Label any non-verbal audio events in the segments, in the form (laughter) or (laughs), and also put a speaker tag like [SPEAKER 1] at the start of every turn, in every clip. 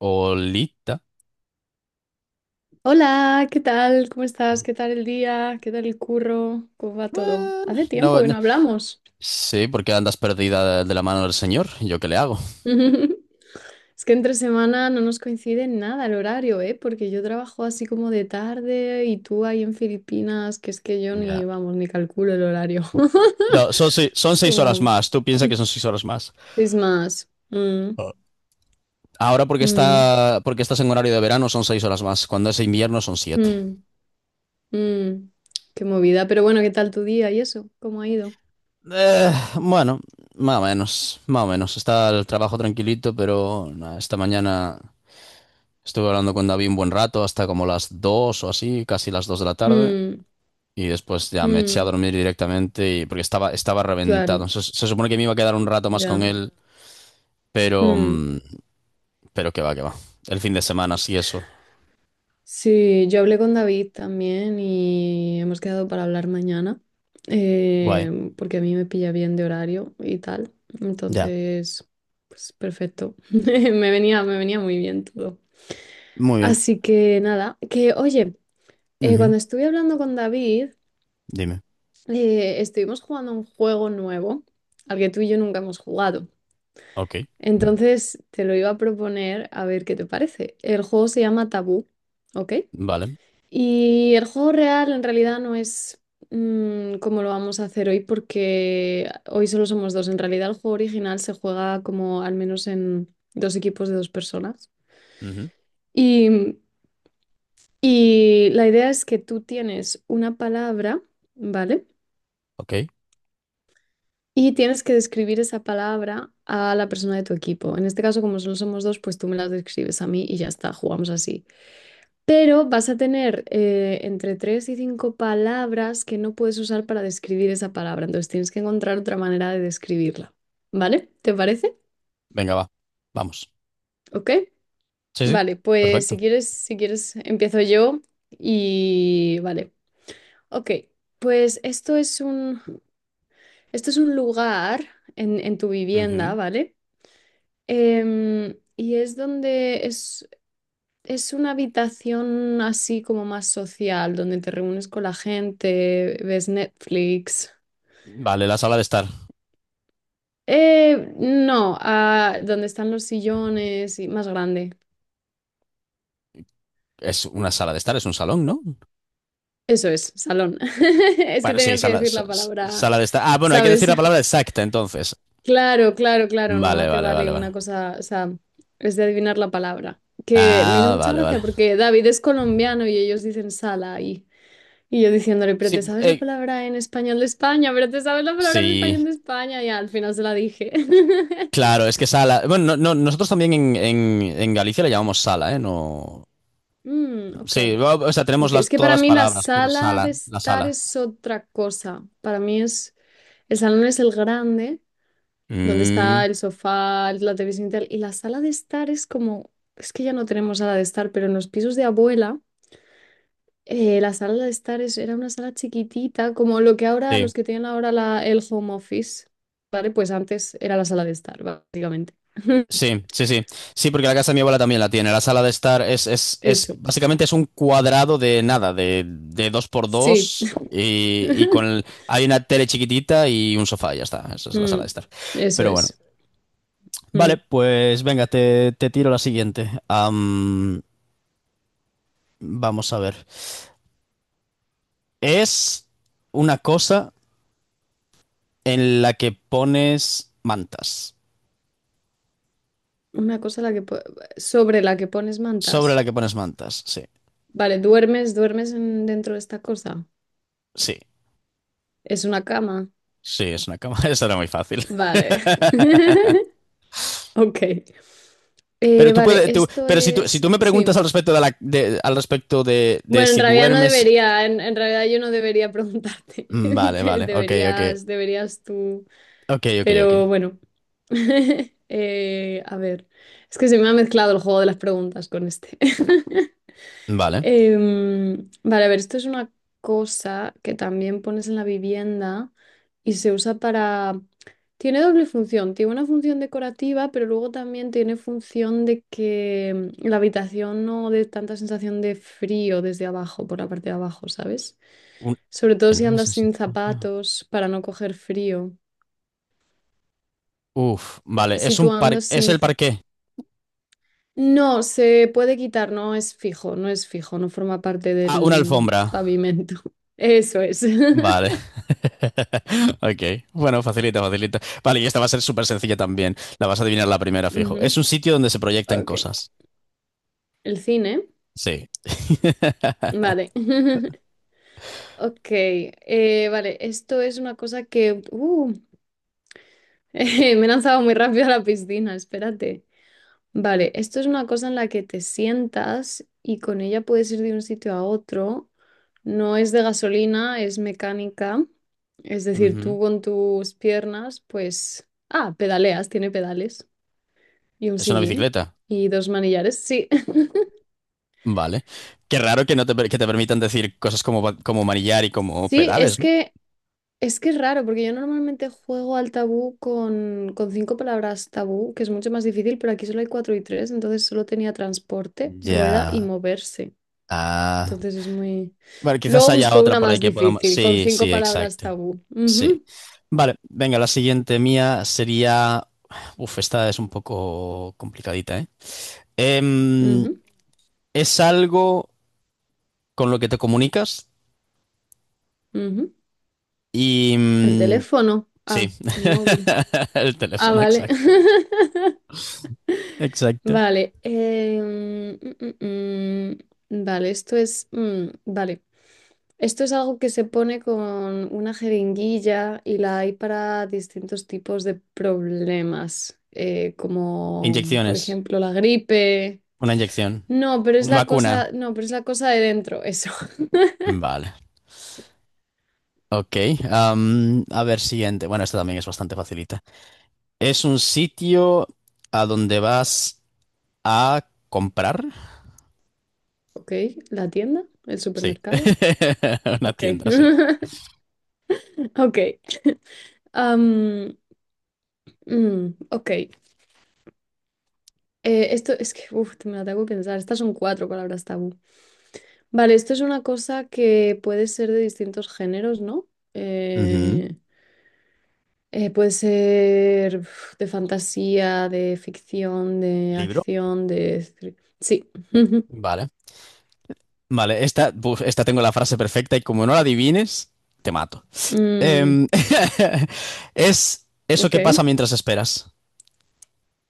[SPEAKER 1] Olita.
[SPEAKER 2] Hola, ¿qué tal? ¿Cómo estás? ¿Qué tal el día? ¿Qué tal el curro? ¿Cómo va todo?
[SPEAKER 1] Bueno,
[SPEAKER 2] Hace tiempo
[SPEAKER 1] no,
[SPEAKER 2] que
[SPEAKER 1] no.
[SPEAKER 2] no hablamos.
[SPEAKER 1] Sí, porque andas perdida de la mano del señor. ¿Yo qué le hago?
[SPEAKER 2] (laughs) Es que entre semana no nos coincide en nada el horario, ¿eh? Porque yo trabajo así como de tarde y tú ahí en Filipinas, que es que yo
[SPEAKER 1] Ya.
[SPEAKER 2] ni, vamos, ni calculo el horario. (laughs)
[SPEAKER 1] No, son, se- Son
[SPEAKER 2] Es
[SPEAKER 1] seis horas
[SPEAKER 2] como,
[SPEAKER 1] más. Tú piensas que son seis horas más.
[SPEAKER 2] es más.
[SPEAKER 1] Ahora
[SPEAKER 2] Mm,
[SPEAKER 1] porque estás en horario de verano son seis horas más. Cuando es invierno son siete.
[SPEAKER 2] mm, mm. Qué movida. Pero bueno, ¿qué tal tu día y eso? ¿Cómo ha ido?
[SPEAKER 1] Eh, bueno, más o menos, más o menos. Está el trabajo tranquilito, pero nah, esta mañana estuve hablando con David un buen rato, hasta como las dos o así, casi las dos de la tarde.
[SPEAKER 2] Mm,
[SPEAKER 1] Y después ya me eché a
[SPEAKER 2] mm,
[SPEAKER 1] dormir directamente porque estaba reventado.
[SPEAKER 2] claro,
[SPEAKER 1] Se supone que me iba a quedar un rato más con
[SPEAKER 2] ya.
[SPEAKER 1] él, pero,
[SPEAKER 2] Mm.
[SPEAKER 1] mm, pero que va, que va. El fin de semana, sí, eso.
[SPEAKER 2] Sí, yo hablé con David también y hemos quedado para hablar mañana,
[SPEAKER 1] Guay,
[SPEAKER 2] porque a mí me pilla bien de horario y tal.
[SPEAKER 1] ya.
[SPEAKER 2] Entonces, pues perfecto. (laughs) Me venía muy bien todo.
[SPEAKER 1] Muy bien.
[SPEAKER 2] Así que nada, que oye,
[SPEAKER 1] Ujú.
[SPEAKER 2] cuando estuve hablando con David,
[SPEAKER 1] Dime.
[SPEAKER 2] estuvimos jugando un juego nuevo al que tú y yo nunca hemos jugado.
[SPEAKER 1] Ok,
[SPEAKER 2] Entonces, te lo iba a proponer a ver qué te parece. El juego se llama Tabú, ¿ok?
[SPEAKER 1] vale.
[SPEAKER 2] Y el juego real en realidad no es como lo vamos a hacer hoy porque hoy solo somos dos. En realidad el juego original se juega como al menos en dos equipos de dos personas.
[SPEAKER 1] Ujú.
[SPEAKER 2] Y, mm, y la idea es que tú tienes una palabra, ¿vale?
[SPEAKER 1] Ok,
[SPEAKER 2] Y tienes que describir esa palabra a la persona de tu equipo. En este caso, como solo somos dos, pues tú me las describes a mí y ya está, jugamos así. Pero vas a tener entre tres y cinco palabras que no puedes usar para describir esa palabra. Entonces tienes que encontrar otra manera de describirla. ¿Vale? ¿Te parece?
[SPEAKER 1] venga, va. Vamos.
[SPEAKER 2] ¿Ok?
[SPEAKER 1] Sí, sí,
[SPEAKER 2] Vale, pues si
[SPEAKER 1] perfecto.
[SPEAKER 2] quieres, si quieres, empiezo yo y vale. Ok, pues esto es un lugar en tu vivienda,
[SPEAKER 1] Ujú.
[SPEAKER 2] ¿vale? Y es donde es una habitación así como más social, donde te reúnes con la gente, ves Netflix.
[SPEAKER 1] Vale, la sala de estar.
[SPEAKER 2] No, donde están los sillones y más grande.
[SPEAKER 1] Es una sala de estar, es un salón, ¿no?
[SPEAKER 2] Eso es, salón. (laughs) Es que
[SPEAKER 1] Bueno, sí,
[SPEAKER 2] tenías que decir la palabra,
[SPEAKER 1] sala de estar. Ah, bueno, hay que decir
[SPEAKER 2] ¿sabes?
[SPEAKER 1] la palabra exacta entonces.
[SPEAKER 2] Claro, claro, claro,
[SPEAKER 1] Vale,
[SPEAKER 2] no te
[SPEAKER 1] vale, vale,
[SPEAKER 2] vale
[SPEAKER 1] vale.
[SPEAKER 2] una cosa, o sea, es de adivinar la palabra. Que me hizo
[SPEAKER 1] Ah,
[SPEAKER 2] mucha
[SPEAKER 1] vale, vale.
[SPEAKER 2] gracia porque David es colombiano y ellos dicen sala ahí. Y yo diciéndole, pero te
[SPEAKER 1] Sí,
[SPEAKER 2] sabes la palabra en español de España, pero te sabes la palabra en
[SPEAKER 1] sí,
[SPEAKER 2] español de España. Y al final se la dije. (laughs)
[SPEAKER 1] claro, es que sala. Bueno, no- no, nosotros también en Galicia le llamamos sala, ¿eh? No.
[SPEAKER 2] Ok.
[SPEAKER 1] Sí, o sea, tenemos
[SPEAKER 2] Ok, es que
[SPEAKER 1] todas
[SPEAKER 2] para
[SPEAKER 1] las
[SPEAKER 2] mí la
[SPEAKER 1] palabras, pero
[SPEAKER 2] sala
[SPEAKER 1] sala,
[SPEAKER 2] de
[SPEAKER 1] la
[SPEAKER 2] estar
[SPEAKER 1] sala.
[SPEAKER 2] es otra cosa. Para mí es, el salón es el grande, donde
[SPEAKER 1] Mm,
[SPEAKER 2] está el sofá, la televisión y tal. Y la sala de estar es como, es que ya no tenemos sala de estar, pero en los pisos de abuela. La sala de estar es- era una sala chiquitita, como lo que ahora,
[SPEAKER 1] sí,
[SPEAKER 2] los que tienen ahora el home office, ¿vale? Pues antes era la sala de estar, básicamente. (laughs)
[SPEAKER 1] sí, sí, sí. Sí, porque la casa de mi abuela también la tiene. La sala de estar es
[SPEAKER 2] Eso,
[SPEAKER 1] básicamente es un cuadrado de nada, de dos por
[SPEAKER 2] sí.
[SPEAKER 1] dos. Y con el-
[SPEAKER 2] (laughs)
[SPEAKER 1] hay una tele chiquitita y un sofá, y ya está. Esa es la sala de
[SPEAKER 2] Mm,
[SPEAKER 1] estar.
[SPEAKER 2] Eso
[SPEAKER 1] Pero bueno.
[SPEAKER 2] es.
[SPEAKER 1] Vale,
[SPEAKER 2] Mm.
[SPEAKER 1] pues venga, te tiro la siguiente. Vamos a ver. Es una cosa en la que pones mantas.
[SPEAKER 2] Una cosa la que po- Sobre la que pones mantas.
[SPEAKER 1] Sobre la que pones mantas, sí.
[SPEAKER 2] Vale, duermes dentro de esta cosa.
[SPEAKER 1] Sí,
[SPEAKER 2] Es una cama.
[SPEAKER 1] sí, es una cama. (laughs) Eso era muy fácil.
[SPEAKER 2] Vale. (laughs) Ok.
[SPEAKER 1] Pero tú
[SPEAKER 2] Vale,
[SPEAKER 1] puedes, tú-
[SPEAKER 2] esto
[SPEAKER 1] pero si
[SPEAKER 2] es.
[SPEAKER 1] tú me preguntas
[SPEAKER 2] Sí.
[SPEAKER 1] al respecto al respecto de
[SPEAKER 2] Bueno, en
[SPEAKER 1] si
[SPEAKER 2] realidad no
[SPEAKER 1] duermes.
[SPEAKER 2] debería, en realidad yo no debería preguntarte. (laughs)
[SPEAKER 1] Mm. Vale, vale, ok, ok.
[SPEAKER 2] Deberías, deberías tú.
[SPEAKER 1] Ok, ok, ok.
[SPEAKER 2] Pero bueno. (laughs) A ver, es que se me ha mezclado el juego de las preguntas con este. (laughs)
[SPEAKER 1] Vale.
[SPEAKER 2] Vale, a ver, esto es una cosa que también pones en la vivienda y se usa para... Tiene doble función, tiene una función decorativa, pero luego también tiene función de que la habitación no dé tanta sensación de frío desde abajo, por la parte de abajo, ¿sabes?
[SPEAKER 1] Un-
[SPEAKER 2] Sobre todo
[SPEAKER 1] ¿Qué
[SPEAKER 2] si
[SPEAKER 1] no es
[SPEAKER 2] andas
[SPEAKER 1] esa
[SPEAKER 2] sin
[SPEAKER 1] sensación?
[SPEAKER 2] zapatos para no coger frío.
[SPEAKER 1] Uf, vale,
[SPEAKER 2] Si tú andas
[SPEAKER 1] es
[SPEAKER 2] sin...
[SPEAKER 1] el parqué.
[SPEAKER 2] No, se puede quitar, no es fijo, no es fijo, no forma parte
[SPEAKER 1] Ah, una
[SPEAKER 2] del
[SPEAKER 1] alfombra.
[SPEAKER 2] pavimento. (laughs) Eso es.
[SPEAKER 1] Vale.
[SPEAKER 2] (laughs)
[SPEAKER 1] (laughs) Ok. Bueno, facilita, facilita. Vale, y esta va a ser súper sencilla también. La vas a adivinar la primera, fijo. Es
[SPEAKER 2] Ujú,
[SPEAKER 1] un sitio donde se proyectan
[SPEAKER 2] ok.
[SPEAKER 1] cosas.
[SPEAKER 2] El cine.
[SPEAKER 1] Sí. (laughs)
[SPEAKER 2] Vale. (laughs) Ok. Vale, esto es una cosa que... (laughs) me he lanzado muy rápido a la piscina, espérate. Vale, esto es una cosa en la que te sientas y con ella puedes ir de un sitio a otro. No es de gasolina, es mecánica. Es decir,
[SPEAKER 1] Ujú.
[SPEAKER 2] tú con tus piernas, pues... Ah, pedaleas, tiene pedales. Y un
[SPEAKER 1] Es una
[SPEAKER 2] sillín.
[SPEAKER 1] bicicleta.
[SPEAKER 2] Y dos manillares. Sí. (laughs)
[SPEAKER 1] Vale. Qué raro que no te, per- que te permitan decir cosas como, como manillar y como
[SPEAKER 2] Sí,
[SPEAKER 1] pedales, ¿no?
[SPEAKER 2] es que es raro, porque yo normalmente juego al tabú con cinco palabras tabú, que es mucho más difícil, pero aquí solo hay cuatro y tres, entonces solo tenía transporte, rueda y
[SPEAKER 1] Ya.
[SPEAKER 2] moverse.
[SPEAKER 1] Ah.
[SPEAKER 2] Entonces es muy...
[SPEAKER 1] Vale, quizás
[SPEAKER 2] Luego
[SPEAKER 1] haya
[SPEAKER 2] busco
[SPEAKER 1] otra
[SPEAKER 2] una
[SPEAKER 1] por ahí
[SPEAKER 2] más
[SPEAKER 1] que podamos.
[SPEAKER 2] difícil, con
[SPEAKER 1] Sí,
[SPEAKER 2] cinco
[SPEAKER 1] sí,
[SPEAKER 2] palabras
[SPEAKER 1] exacto.
[SPEAKER 2] tabú.
[SPEAKER 1] Sí. Vale, venga, la siguiente mía sería. Uf, esta es un poco complicadita, ¿eh? Em,
[SPEAKER 2] Ujú,
[SPEAKER 1] Es algo con lo que te comunicas
[SPEAKER 2] ujú.
[SPEAKER 1] y
[SPEAKER 2] El teléfono.
[SPEAKER 1] sí,
[SPEAKER 2] Ah, el móvil.
[SPEAKER 1] (laughs) el
[SPEAKER 2] Ah,
[SPEAKER 1] teléfono,
[SPEAKER 2] vale.
[SPEAKER 1] exacto.
[SPEAKER 2] (laughs)
[SPEAKER 1] Exacto.
[SPEAKER 2] Vale. Mm. Vale, esto es... vale. Esto es algo que se pone con una jeringuilla y la hay para distintos tipos de problemas, como por
[SPEAKER 1] Inyecciones,
[SPEAKER 2] ejemplo la gripe.
[SPEAKER 1] una inyección,
[SPEAKER 2] No, pero es
[SPEAKER 1] una
[SPEAKER 2] la cosa,
[SPEAKER 1] vacuna.
[SPEAKER 2] no, pero es la cosa de dentro, eso. (laughs)
[SPEAKER 1] Vale, ok. Am, a ver, siguiente. Bueno, esta también es bastante facilita. Es un sitio a donde vas a comprar.
[SPEAKER 2] Ok, la tienda, el
[SPEAKER 1] Sí,
[SPEAKER 2] supermercado.
[SPEAKER 1] (laughs) una
[SPEAKER 2] Ok,
[SPEAKER 1] tienda, sí.
[SPEAKER 2] (laughs) ok. Am, ok, esto es que, uf, me la tengo que pensar. Estas son cuatro palabras tabú. Vale, esto es una cosa que puede ser de distintos géneros, ¿no?
[SPEAKER 1] Ujú.
[SPEAKER 2] Eh, puede ser uf, de fantasía, de ficción, de
[SPEAKER 1] Libro.
[SPEAKER 2] acción, de... Sí. (laughs)
[SPEAKER 1] Vale. Vale, esta, buf, esta tengo la frase perfecta y como no la adivines, te mato.
[SPEAKER 2] Mm,
[SPEAKER 1] Em, (laughs) es eso que pasa
[SPEAKER 2] ok.
[SPEAKER 1] mientras esperas.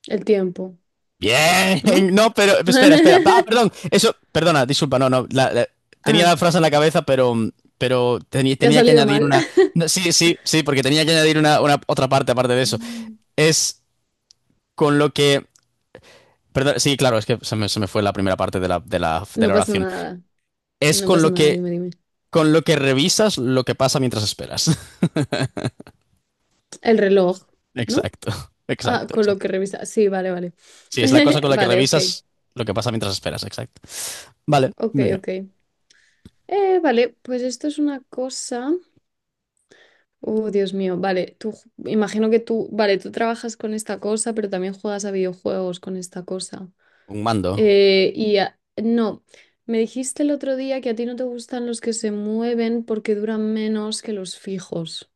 [SPEAKER 2] El tiempo, ¿no?
[SPEAKER 1] Bien, no, pero espera, espera. Ah, perdón,
[SPEAKER 2] (laughs)
[SPEAKER 1] eso, perdona, disculpa, no, no. Tenía la
[SPEAKER 2] Ah,
[SPEAKER 1] frase en la cabeza, pero
[SPEAKER 2] ¿te ha
[SPEAKER 1] tenía que
[SPEAKER 2] salido
[SPEAKER 1] añadir
[SPEAKER 2] mal?
[SPEAKER 1] una. No,
[SPEAKER 2] (laughs)
[SPEAKER 1] sí, sí, sí, porque tenía que añadir una otra parte aparte de eso.
[SPEAKER 2] Mm.
[SPEAKER 1] Es con lo que. Perdón, sí, claro, es que se me fue la primera parte de
[SPEAKER 2] No
[SPEAKER 1] la
[SPEAKER 2] pasa
[SPEAKER 1] oración.
[SPEAKER 2] nada.
[SPEAKER 1] Es
[SPEAKER 2] No pasa nada, dime, dime.
[SPEAKER 1] con lo que revisas lo que pasa mientras esperas. (laughs)
[SPEAKER 2] El reloj, ¿no?
[SPEAKER 1] Exacto,
[SPEAKER 2] Ah,
[SPEAKER 1] exacto,
[SPEAKER 2] con lo que
[SPEAKER 1] exacto.
[SPEAKER 2] revisa. Sí, vale, vale.
[SPEAKER 1] Sí, es la cosa
[SPEAKER 2] (laughs)
[SPEAKER 1] con la que
[SPEAKER 2] Vale, ok.
[SPEAKER 1] revisas lo que pasa mientras esperas, exacto. Vale,
[SPEAKER 2] Ok,
[SPEAKER 1] mira.
[SPEAKER 2] ok. Vale, pues esto es una cosa. Dios mío, vale, imagino que tú, vale, tú trabajas con esta cosa, pero también juegas a videojuegos con esta cosa.
[SPEAKER 1] Un mando
[SPEAKER 2] No, me dijiste el otro día que a ti no te gustan los que se mueven porque duran menos que los fijos.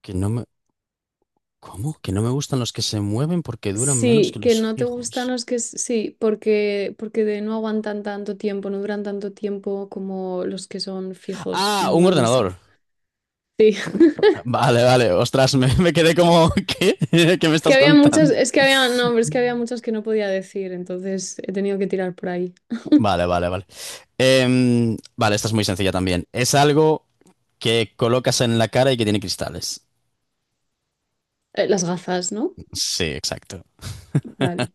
[SPEAKER 1] que no me... ¿Cómo? Que no me gustan los que se mueven porque duran menos que
[SPEAKER 2] Sí, que
[SPEAKER 1] los
[SPEAKER 2] no te gustan
[SPEAKER 1] fijos.
[SPEAKER 2] los que s- sí, porque no aguantan tanto tiempo, no duran tanto tiempo como los que son fijos
[SPEAKER 1] Ah,
[SPEAKER 2] en
[SPEAKER 1] un
[SPEAKER 2] una mesa.
[SPEAKER 1] ordenador.
[SPEAKER 2] Sí. (laughs)
[SPEAKER 1] Vale, vale. Ostras, me quedé como... ¿Qué? (laughs) ¿Qué me
[SPEAKER 2] Es que
[SPEAKER 1] estás
[SPEAKER 2] había muchos,
[SPEAKER 1] contando?
[SPEAKER 2] es que había, no, pero es que había muchos que no podía decir, entonces he tenido que tirar por ahí.
[SPEAKER 1] Vale, vale, vale. Vale, esta es muy sencilla también. Es algo que colocas en la cara y que tiene cristales.
[SPEAKER 2] Las gafas, ¿no?
[SPEAKER 1] Sí, exacto.
[SPEAKER 2] Vale.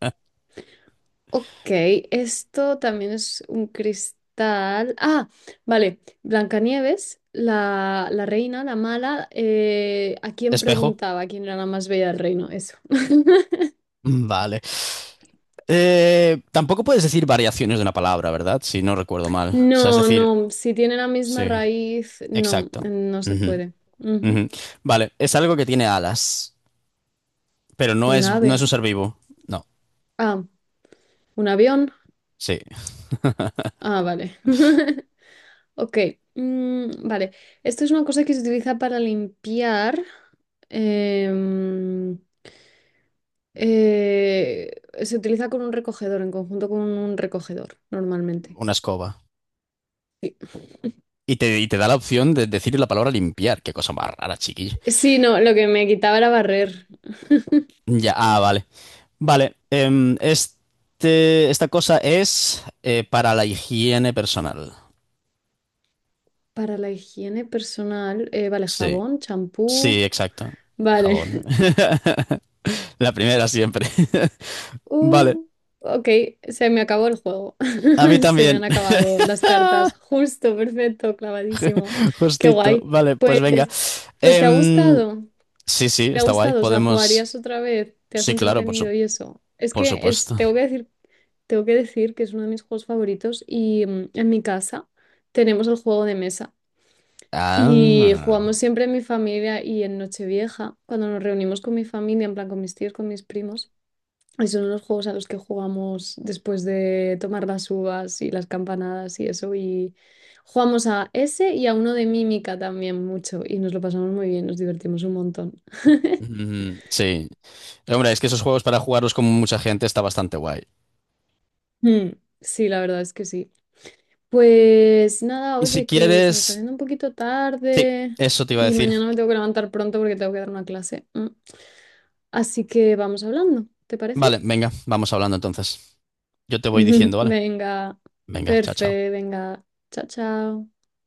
[SPEAKER 2] Ok, esto también es un cristal. Ah, vale. Blancanieves, la reina, la mala. ¿A quién
[SPEAKER 1] Espejo.
[SPEAKER 2] preguntaba quién era la más bella del reino? Eso. (laughs)
[SPEAKER 1] Vale. Tampoco puedes decir variaciones de una palabra, ¿verdad? Si no recuerdo mal. O sea, es
[SPEAKER 2] No,
[SPEAKER 1] decir,
[SPEAKER 2] no, si tiene la misma
[SPEAKER 1] sí,
[SPEAKER 2] raíz, no,
[SPEAKER 1] exacto.
[SPEAKER 2] no se
[SPEAKER 1] Ujú,
[SPEAKER 2] puede. Ujú.
[SPEAKER 1] ujú. Vale, es algo que tiene alas, pero
[SPEAKER 2] Un
[SPEAKER 1] no es
[SPEAKER 2] ave.
[SPEAKER 1] un ser vivo. No,
[SPEAKER 2] Ah, un avión.
[SPEAKER 1] sí,
[SPEAKER 2] Ah, vale. (laughs) Ok, vale. Esto es una cosa que se utiliza para limpiar. em, Se utiliza con un recogedor, en conjunto con un recogedor, normalmente.
[SPEAKER 1] una escoba.
[SPEAKER 2] Sí,
[SPEAKER 1] Y y te da la opción de decir la palabra limpiar. Qué cosa más rara, chiquillo.
[SPEAKER 2] sí, no, lo que me quitaba era barrer.
[SPEAKER 1] Ya, ah, vale. Vale, esta cosa es para la higiene personal.
[SPEAKER 2] Para la higiene personal, vale,
[SPEAKER 1] Sí,
[SPEAKER 2] jabón, champú.
[SPEAKER 1] sí, exacto.
[SPEAKER 2] Vale.
[SPEAKER 1] Jabón.
[SPEAKER 2] (laughs)
[SPEAKER 1] (laughs) La primera siempre. (laughs) Vale,
[SPEAKER 2] Uh, ok, se me acabó el juego.
[SPEAKER 1] a mí
[SPEAKER 2] (laughs) Se me
[SPEAKER 1] también.
[SPEAKER 2] han acabado las cartas.
[SPEAKER 1] (laughs)
[SPEAKER 2] Justo, perfecto, clavadísimo. Qué
[SPEAKER 1] Justito.
[SPEAKER 2] guay.
[SPEAKER 1] Vale, pues
[SPEAKER 2] Pues,
[SPEAKER 1] venga.
[SPEAKER 2] pues ¿te ha
[SPEAKER 1] Em,
[SPEAKER 2] gustado?
[SPEAKER 1] Sí, sí,
[SPEAKER 2] ¿Te ha
[SPEAKER 1] está guay.
[SPEAKER 2] gustado? O sea,
[SPEAKER 1] Podemos.
[SPEAKER 2] ¿jugarías otra vez? ¿Te has
[SPEAKER 1] Sí, claro,
[SPEAKER 2] entretenido y eso? Es
[SPEAKER 1] por
[SPEAKER 2] que es,
[SPEAKER 1] supuesto.
[SPEAKER 2] tengo que decir que es uno de mis juegos favoritos y en mi casa tenemos el juego de mesa y
[SPEAKER 1] Ah.
[SPEAKER 2] jugamos siempre en mi familia y en Nochevieja, cuando nos reunimos con mi familia, en plan con mis tíos, con mis primos. Y son los juegos a los que jugamos después de tomar las uvas y las campanadas y eso. Y jugamos a ese y a uno de mímica también mucho. Y nos lo pasamos muy bien, nos divertimos un montón. (laughs)
[SPEAKER 1] Mm, sí. Hombre, es que esos juegos para jugarlos con mucha gente está bastante guay.
[SPEAKER 2] Mm, sí, la verdad es que sí. Pues nada,
[SPEAKER 1] Y si
[SPEAKER 2] oye, que se me está
[SPEAKER 1] quieres.
[SPEAKER 2] haciendo un poquito
[SPEAKER 1] Sí,
[SPEAKER 2] tarde
[SPEAKER 1] eso te iba a
[SPEAKER 2] y
[SPEAKER 1] decir.
[SPEAKER 2] mañana me tengo que levantar pronto porque tengo que dar una clase. Así que vamos hablando, ¿te parece?
[SPEAKER 1] Vale, venga, vamos hablando entonces. Yo te voy diciendo,
[SPEAKER 2] (laughs)
[SPEAKER 1] ¿vale?
[SPEAKER 2] Venga,
[SPEAKER 1] Venga, chao,
[SPEAKER 2] perfecto,
[SPEAKER 1] chao.
[SPEAKER 2] venga. Chao, chao.